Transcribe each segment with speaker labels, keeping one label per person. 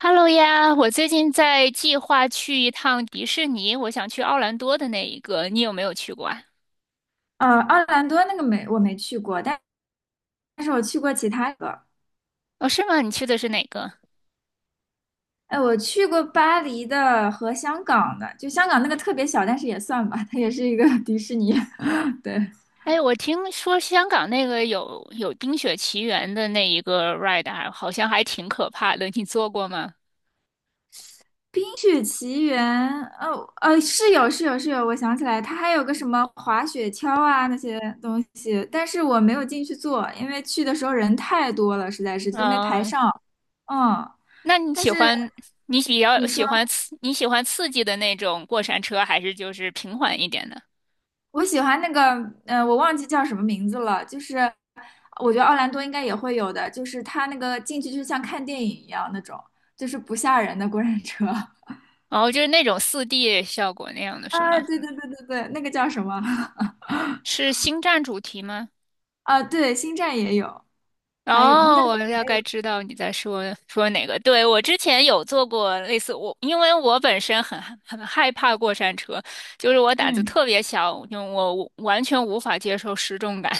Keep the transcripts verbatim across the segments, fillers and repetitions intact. Speaker 1: Hello 呀，我最近在计划去一趟迪士尼，我想去奥兰多的那一个，你有没有去过啊？
Speaker 2: 呃，奥兰多那个没我没去过，但但是我去过其他个。
Speaker 1: 哦，是吗？你去的是哪个？
Speaker 2: 哎，我去过巴黎的和香港的，就香港那个特别小，但是也算吧，它也是一个 迪士尼。对，
Speaker 1: 哎，我听说香港那个有有《冰雪奇缘》的那一个 ride，还好像还挺可怕的，你坐过吗？
Speaker 2: 《冰雪奇缘》哦，呃，是有是有是有，我想起来，它还有个什么滑雪橇啊那些东西，但是我没有进去坐，因为去的时候人太多了，实在是就没排
Speaker 1: 嗯，
Speaker 2: 上。嗯，
Speaker 1: 那你
Speaker 2: 但
Speaker 1: 喜
Speaker 2: 是。
Speaker 1: 欢你比较
Speaker 2: 你
Speaker 1: 喜
Speaker 2: 说。
Speaker 1: 欢刺你喜欢刺激的那种过山车，还是就是平缓一点的？
Speaker 2: 我喜欢那个，嗯，我忘记叫什么名字了，就是我觉得奥兰多应该也会有的，就是它那个进去就像看电影一样那种，就是不吓人的过山车。
Speaker 1: 哦，就是那种四 d 效果那样的是
Speaker 2: 啊，
Speaker 1: 吗？
Speaker 2: 对对对对对，那个叫什么？
Speaker 1: 是星战主题吗？
Speaker 2: 啊，对，星战也有，还有应该
Speaker 1: 哦，我
Speaker 2: 有。
Speaker 1: 大概知道你在说说哪个。对，我之前有坐过类似我，因为我本身很害很害怕过山车，就是我胆子
Speaker 2: 嗯
Speaker 1: 特别小，因为我我完全无法接受失重感，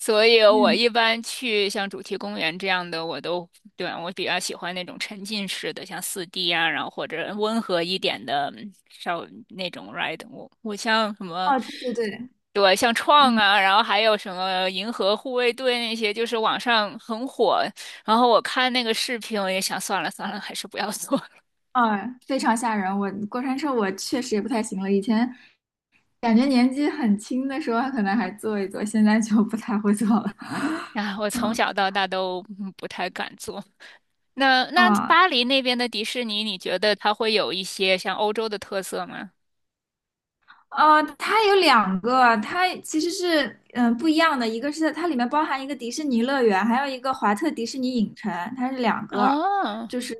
Speaker 1: 所以我
Speaker 2: 嗯，
Speaker 1: 一般去像主题公园这样的，我都，对，我比较喜欢那种沉浸式的，像四 d 啊，然后或者温和一点的，嗯稍那种 ride。我我像什么，
Speaker 2: 哦，对对对，
Speaker 1: 对，像创
Speaker 2: 嗯，
Speaker 1: 啊，然后还有什么银河护卫队那些，就是网上很火。然后我看那个视频，我也想算了算了，还是不要做。
Speaker 2: 啊，非常吓人。我过山车我确实也不太行了，以前感觉年纪很轻的时候可能还坐一坐，现在就不太会坐了。
Speaker 1: 啊，我 从
Speaker 2: 嗯。
Speaker 1: 小到大都嗯不太敢做。那那
Speaker 2: 啊，
Speaker 1: 巴黎那边的迪士尼，你觉得它会有一些像欧洲的特色吗？
Speaker 2: 呃，它有两个，它其实是嗯、呃不一样的，一个是它里面包含一个迪士尼乐园，还有一个华特迪士尼影城，它是两个，
Speaker 1: 哦，
Speaker 2: 就是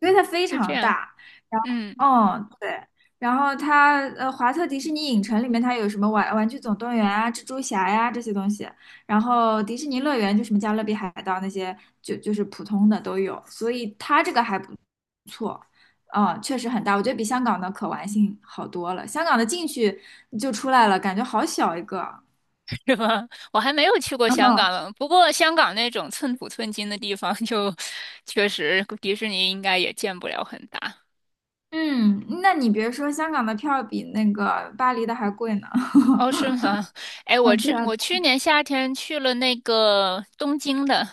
Speaker 2: 因为它非
Speaker 1: 是这
Speaker 2: 常
Speaker 1: 样，
Speaker 2: 大，然后
Speaker 1: 嗯，
Speaker 2: 嗯对，然后它呃华特迪士尼影城里面它有什么玩玩具总动员啊、蜘蛛侠呀、这些东西，然后迪士尼乐园就什么加勒比海盗那些就就是普通的都有，所以它这个还不错。嗯，确实很大，我觉得比香港的可玩性好多了。香港的进去就出来了，感觉好小一个。
Speaker 1: 是吧？我还没有去过
Speaker 2: 然
Speaker 1: 香港
Speaker 2: 后，
Speaker 1: 了，不过香港那种寸土寸金的地方就 确实迪士尼应该也建不了很大。
Speaker 2: 嗯，那你别说，香港的票比那个巴黎的还贵呢。
Speaker 1: 哦，是 吗？哎，
Speaker 2: 啊，
Speaker 1: 我
Speaker 2: 对
Speaker 1: 是
Speaker 2: 啊，
Speaker 1: 我去年夏天去了那个东京的，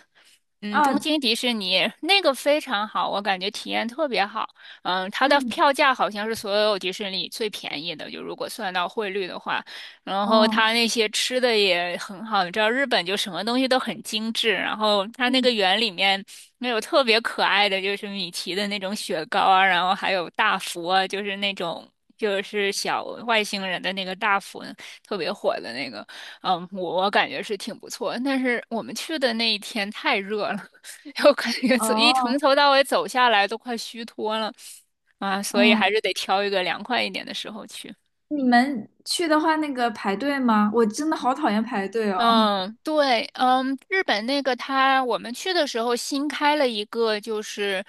Speaker 1: 嗯，东
Speaker 2: 啊，
Speaker 1: 京迪士尼那个非常好，我感觉体验特别好。嗯，它的
Speaker 2: 嗯，
Speaker 1: 票价好像是所有迪士尼里最便宜的，就如果算到汇率的话。然后
Speaker 2: 哦，
Speaker 1: 它那些吃的也很好，你知道日本就什么东西都很精致。然后它那个
Speaker 2: 嗯，
Speaker 1: 园里面那有特别可爱的，就是米奇的那种雪糕啊，然后还有大福啊，就是那种。就是小外星人的那个大福，特别火的那个，嗯，我我感觉是挺不错。但是我们去的那一天太热了，我感觉从一从
Speaker 2: 哦，
Speaker 1: 头到尾走下来都快虚脱了啊，所以还
Speaker 2: 嗯，
Speaker 1: 是得挑一个凉快一点的时候去。
Speaker 2: 你们去的话，那个排队吗？我真的好讨厌排队哦。
Speaker 1: 嗯，对，嗯，日本那个它，我们去的时候新开了一个，就是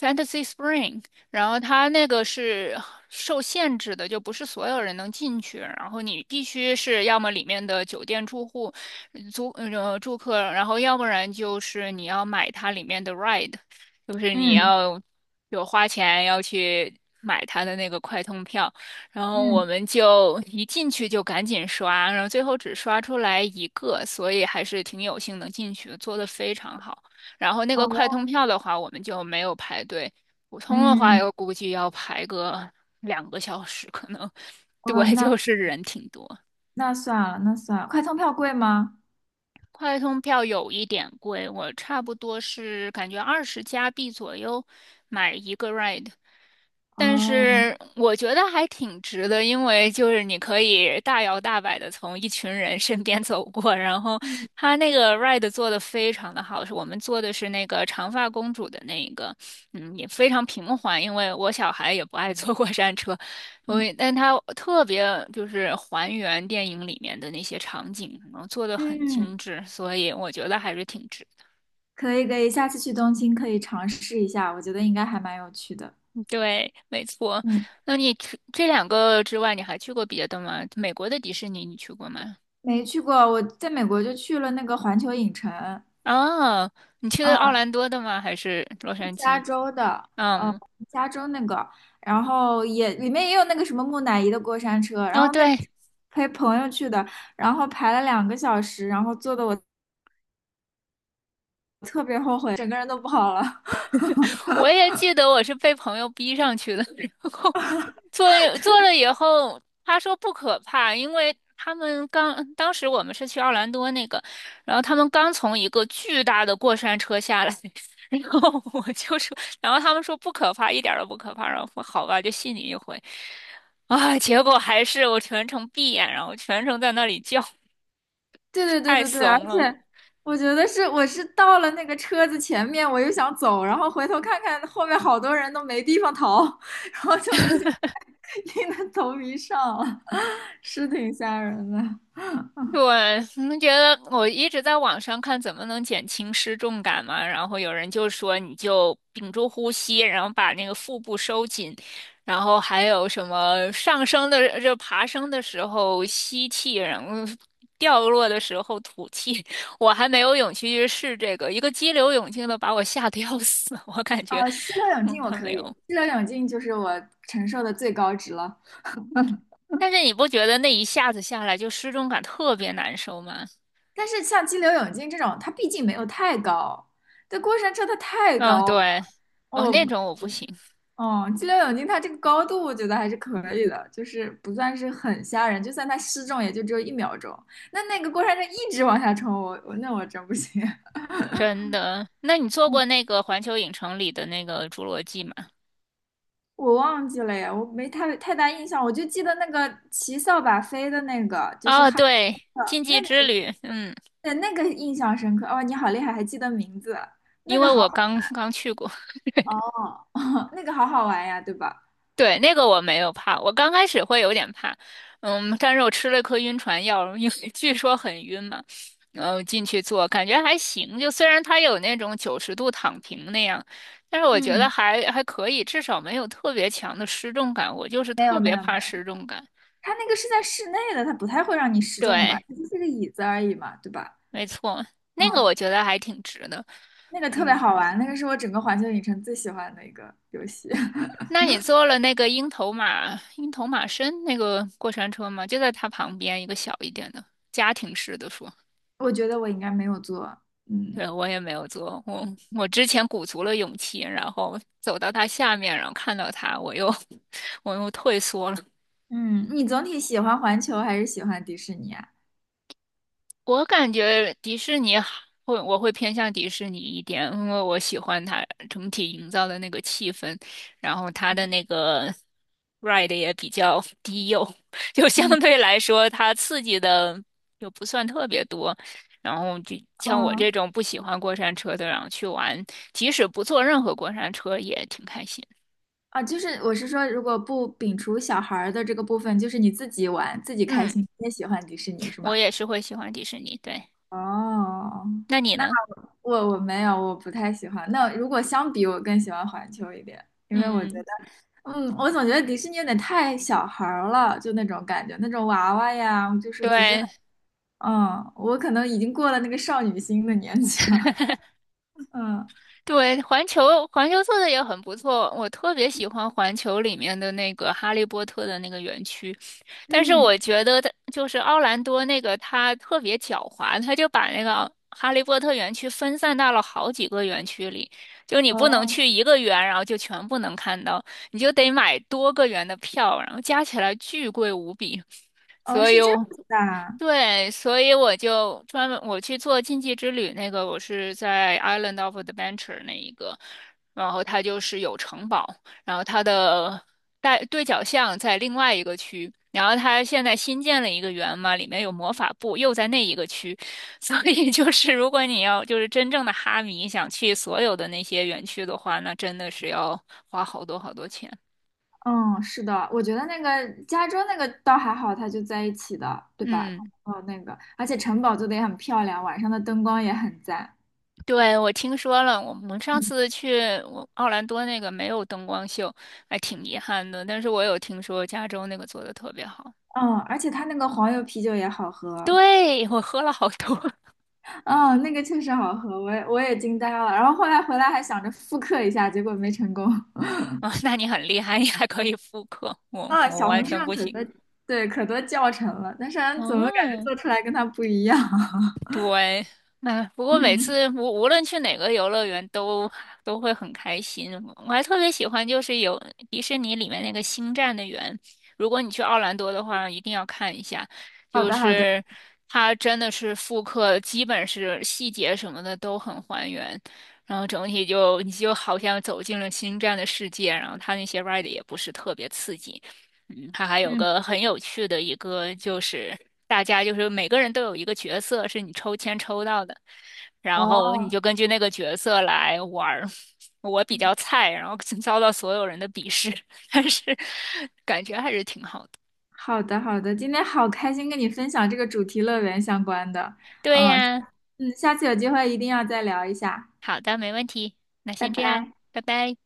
Speaker 1: Fantasy Spring，然后它那个是受限制的，就不是所有人能进去，然后你必须是要么里面的酒店住户、租呃住客，然后要不然就是你要买它里面的 ride，就是你
Speaker 2: 嗯
Speaker 1: 要有花钱要去买它的那个快通票。然后我
Speaker 2: 嗯
Speaker 1: 们就一进去就赶紧刷，然后最后只刷出来一个，所以还是挺有幸能进去的，做的非常好。然后那个快
Speaker 2: 哦，
Speaker 1: 通票的话，我们就没有排队，普通的话
Speaker 2: 嗯，
Speaker 1: 我估计要排个两个小时，可能，
Speaker 2: 哦，
Speaker 1: 对，
Speaker 2: 那
Speaker 1: 就是人挺多。
Speaker 2: 那算了，那算了。快通票贵吗？
Speaker 1: 快通票有一点贵，我差不多是感觉二十加币左右买一个 ride。但
Speaker 2: 哦，
Speaker 1: 是我觉得还挺值的，因为就是你可以大摇大摆的从一群人身边走过，然后
Speaker 2: 嗯。
Speaker 1: 他那个 ride 做的非常的好，是我们做的是那个长发公主的那一个，嗯，也非常平缓，因为我小孩也不爱坐过山车，所
Speaker 2: 嗯
Speaker 1: 以但他特别就是还原电影里面的那些场景，然后做的很
Speaker 2: 嗯。
Speaker 1: 精致，所以我觉得还是挺值。
Speaker 2: 可以可以，下次去东京可以尝试一下，我觉得应该还蛮有趣的。
Speaker 1: 对，没错。
Speaker 2: 嗯，
Speaker 1: 那你除这两个之外，你还去过别的吗？美国的迪士尼你去过吗？
Speaker 2: 没去过，我在美国就去了那个环球影城，
Speaker 1: 哦，你去的奥
Speaker 2: 嗯
Speaker 1: 兰多的吗？还是洛杉矶？
Speaker 2: 呃，
Speaker 1: 嗯，
Speaker 2: 加州那个，然后也里面也有那个什么木乃伊的过山车，然
Speaker 1: 哦，
Speaker 2: 后那个
Speaker 1: 对，
Speaker 2: 是陪朋友去的，然后排了两个小时，然后坐的我特别后悔，整个人都不好了。
Speaker 1: 我也记得我是被朋友逼上去的，然后。做了做了以后，他说不可怕，因为他们刚当时我们是去奥兰多那个，然后他们刚从一个巨大的过山车下来，然后我就说，然后他们说不可怕，一点儿都不可怕，然后我说好吧，就信你一回，啊，结果还是我全程闭眼，然后全程在那里叫，
Speaker 2: 对对对
Speaker 1: 太
Speaker 2: 对对，而
Speaker 1: 怂了。
Speaker 2: 且我觉得是我是到了那个车子前面，我又想走，然后回头看看后面好多人都没地方逃，然后就不行，硬着头皮上了，是挺吓人的。
Speaker 1: 对，你觉得我一直在网上看怎么能减轻失重感嘛，然后有人就说你就屏住呼吸，然后把那个腹部收紧，然后还有什么上升的就爬升的时候吸气，然后掉落的时候吐气。我还没有勇气去试这个，一个激流勇进的把我吓得要死，我感觉，
Speaker 2: 啊，激流勇
Speaker 1: 嗯，
Speaker 2: 进我
Speaker 1: 还没
Speaker 2: 可以，
Speaker 1: 有。
Speaker 2: 激流勇进就是我承受的最高值了。
Speaker 1: 但是你不觉得那一下子下来就失重感特别难受吗？
Speaker 2: 但是像激流勇进这种，它毕竟没有太高，这过山车它太
Speaker 1: 嗯，
Speaker 2: 高
Speaker 1: 对，
Speaker 2: 了，
Speaker 1: 哦，那
Speaker 2: 我
Speaker 1: 种我不行。
Speaker 2: 哦，激流勇进，它这个高度我觉得还是可以的，就是不算是很吓人，就算它失重也就只有一秒钟。那那个过山车一直往下冲，我我那我真不行，
Speaker 1: 真的？那你做过那个环球影城里的那个侏罗纪吗？
Speaker 2: 我忘记了呀，我没太太大印象，我就记得那个骑扫把飞的那个，就是
Speaker 1: 哦，
Speaker 2: 哈利波
Speaker 1: 对，禁
Speaker 2: 特
Speaker 1: 忌
Speaker 2: 那个，
Speaker 1: 之旅，嗯，
Speaker 2: 对那个印象深刻。哦，你好厉害，还记得名字，那
Speaker 1: 因
Speaker 2: 个
Speaker 1: 为
Speaker 2: 好
Speaker 1: 我刚刚去过，
Speaker 2: 好哦，那个好好玩呀，对吧？
Speaker 1: 对，那个我没有怕，我刚开始会有点怕，嗯，但是我吃了一颗晕船药，因为 据说很晕嘛，然后进去坐，感觉还行，就虽然它有那种九十度躺平那样，但是我觉得
Speaker 2: 嗯，
Speaker 1: 还还可以，至少没有特别强的失重感，我就是
Speaker 2: 没
Speaker 1: 特
Speaker 2: 有没
Speaker 1: 别
Speaker 2: 有没
Speaker 1: 怕
Speaker 2: 有，
Speaker 1: 失重感，
Speaker 2: 它那个是在室内的，它不太会让你失重吧？
Speaker 1: 对，
Speaker 2: 它就是个椅子而已嘛，对吧？
Speaker 1: 没错，那个我
Speaker 2: 嗯。
Speaker 1: 觉得还挺值的。
Speaker 2: 那个特别
Speaker 1: 嗯，
Speaker 2: 好玩，那个是我整个环球影城最喜欢的一个游戏。
Speaker 1: 那你坐了那个鹰头马鹰头马身那个过山车吗？就在它旁边一个小一点的家庭式的说，
Speaker 2: 我觉得我应该没有做。嗯
Speaker 1: 对，我也没有坐，我我之前鼓足了勇气，然后走到它下面，然后看到它，我又 我又退缩了。
Speaker 2: 嗯，你总体喜欢环球还是喜欢迪士尼啊？
Speaker 1: 我感觉迪士尼好会，我会偏向迪士尼一点，因为我喜欢它整体营造的那个气氛，然后它的那个 ride 也比较低幼，就相
Speaker 2: 嗯
Speaker 1: 对来说它刺激的又不算特别多。然后就像我这
Speaker 2: 哦
Speaker 1: 种不喜欢过山车的，然后去玩，即使不坐任何过山车也挺开心。
Speaker 2: 啊，就是我是说，如果不摒除小孩儿的这个部分，就是你自己玩自己开
Speaker 1: 嗯，
Speaker 2: 心，你也喜欢迪士尼是吗？
Speaker 1: 我也是会喜欢迪士尼，对。
Speaker 2: 哦，
Speaker 1: 那你
Speaker 2: 那
Speaker 1: 呢？
Speaker 2: 我我没有，我不太喜欢。那如果相比，我更喜欢环球一点，因为我觉
Speaker 1: 嗯，
Speaker 2: 得，嗯，我总觉得迪士尼有点太小孩儿了，就那种感觉，那种娃娃呀，就是不是很。
Speaker 1: 对。
Speaker 2: 嗯，我可能已经过了那个少女心的年纪了。嗯，
Speaker 1: 对，环球环球做的也很不错，我特别喜欢环球里面的那个哈利波特的那个园区，但是
Speaker 2: 嗯，
Speaker 1: 我觉得它就是奥兰多那个它特别狡猾，它就把那个哈利波特园区分散到了好几个园区里，就你不能
Speaker 2: 哦，
Speaker 1: 去一个园，然后就全部能看到，你就得买多个园的票，然后加起来巨贵无比，
Speaker 2: 哦，
Speaker 1: 所
Speaker 2: 是
Speaker 1: 以
Speaker 2: 这样
Speaker 1: 我
Speaker 2: 子的啊
Speaker 1: 对，所以我就专门我去做禁忌之旅那个，我是在 Island of Adventure 那一个，然后它就是有城堡，然后它的带对角巷在另外一个区，然后它现在新建了一个园嘛，里面有魔法部，又在那一个区，所以就是如果你要就是真正的哈迷想去所有的那些园区的话，那真的是要花好多好多钱。
Speaker 2: 嗯，是的，我觉得那个加州那个倒还好，它就在一起的，对吧？
Speaker 1: 嗯。
Speaker 2: 哦，那个，而且城堡做的也很漂亮，晚上的灯光也很赞。
Speaker 1: 对，我听说了，我们上
Speaker 2: 嗯，
Speaker 1: 次去我奥兰多那个没有灯光秀，还挺遗憾的。但是我有听说加州那个做的特别好。
Speaker 2: 嗯，而且它那个黄油啤酒也好喝。
Speaker 1: 对，我喝了好多
Speaker 2: 嗯，那个确实好喝，我也我也惊呆了。然后后来回来还想着复刻一下，结果没成功。
Speaker 1: 啊，那你很厉害，你还可以复刻，我
Speaker 2: 啊，
Speaker 1: 我
Speaker 2: 小
Speaker 1: 完
Speaker 2: 红书
Speaker 1: 全
Speaker 2: 上
Speaker 1: 不
Speaker 2: 可
Speaker 1: 行。
Speaker 2: 多，对，可多教程了，但是俺怎么感觉
Speaker 1: 哦，
Speaker 2: 做出来跟它不一样？
Speaker 1: 对，嗯，不过每
Speaker 2: 嗯，
Speaker 1: 次无无论去哪个游乐园都都会很开心。我还特别喜欢就是有迪士尼里面那个星战的园，如果你去奥兰多的话，一定要看一下，
Speaker 2: 好
Speaker 1: 就
Speaker 2: 的，好的，
Speaker 1: 是它真的是复刻，基本是细节什么的都很还原，然后整体就你就好像走进了星战的世界，然后它那些 r i d 也不是特别刺激。嗯，它还有
Speaker 2: 嗯，
Speaker 1: 个很有趣的一个，就是大家就是每个人都有一个角色是你抽签抽到的，然后你
Speaker 2: 哦，
Speaker 1: 就根据那个角色来玩儿。我比较菜，然后遭到所有人的鄙视，但是感觉还是挺好的。
Speaker 2: 好的，好的，今天好开心跟你分享这个主题乐园相关的，
Speaker 1: 对
Speaker 2: 嗯，
Speaker 1: 呀，
Speaker 2: 嗯，下次有机会一定要再聊一下，
Speaker 1: 好的，没问题，那
Speaker 2: 拜
Speaker 1: 先这样，
Speaker 2: 拜。
Speaker 1: 拜拜。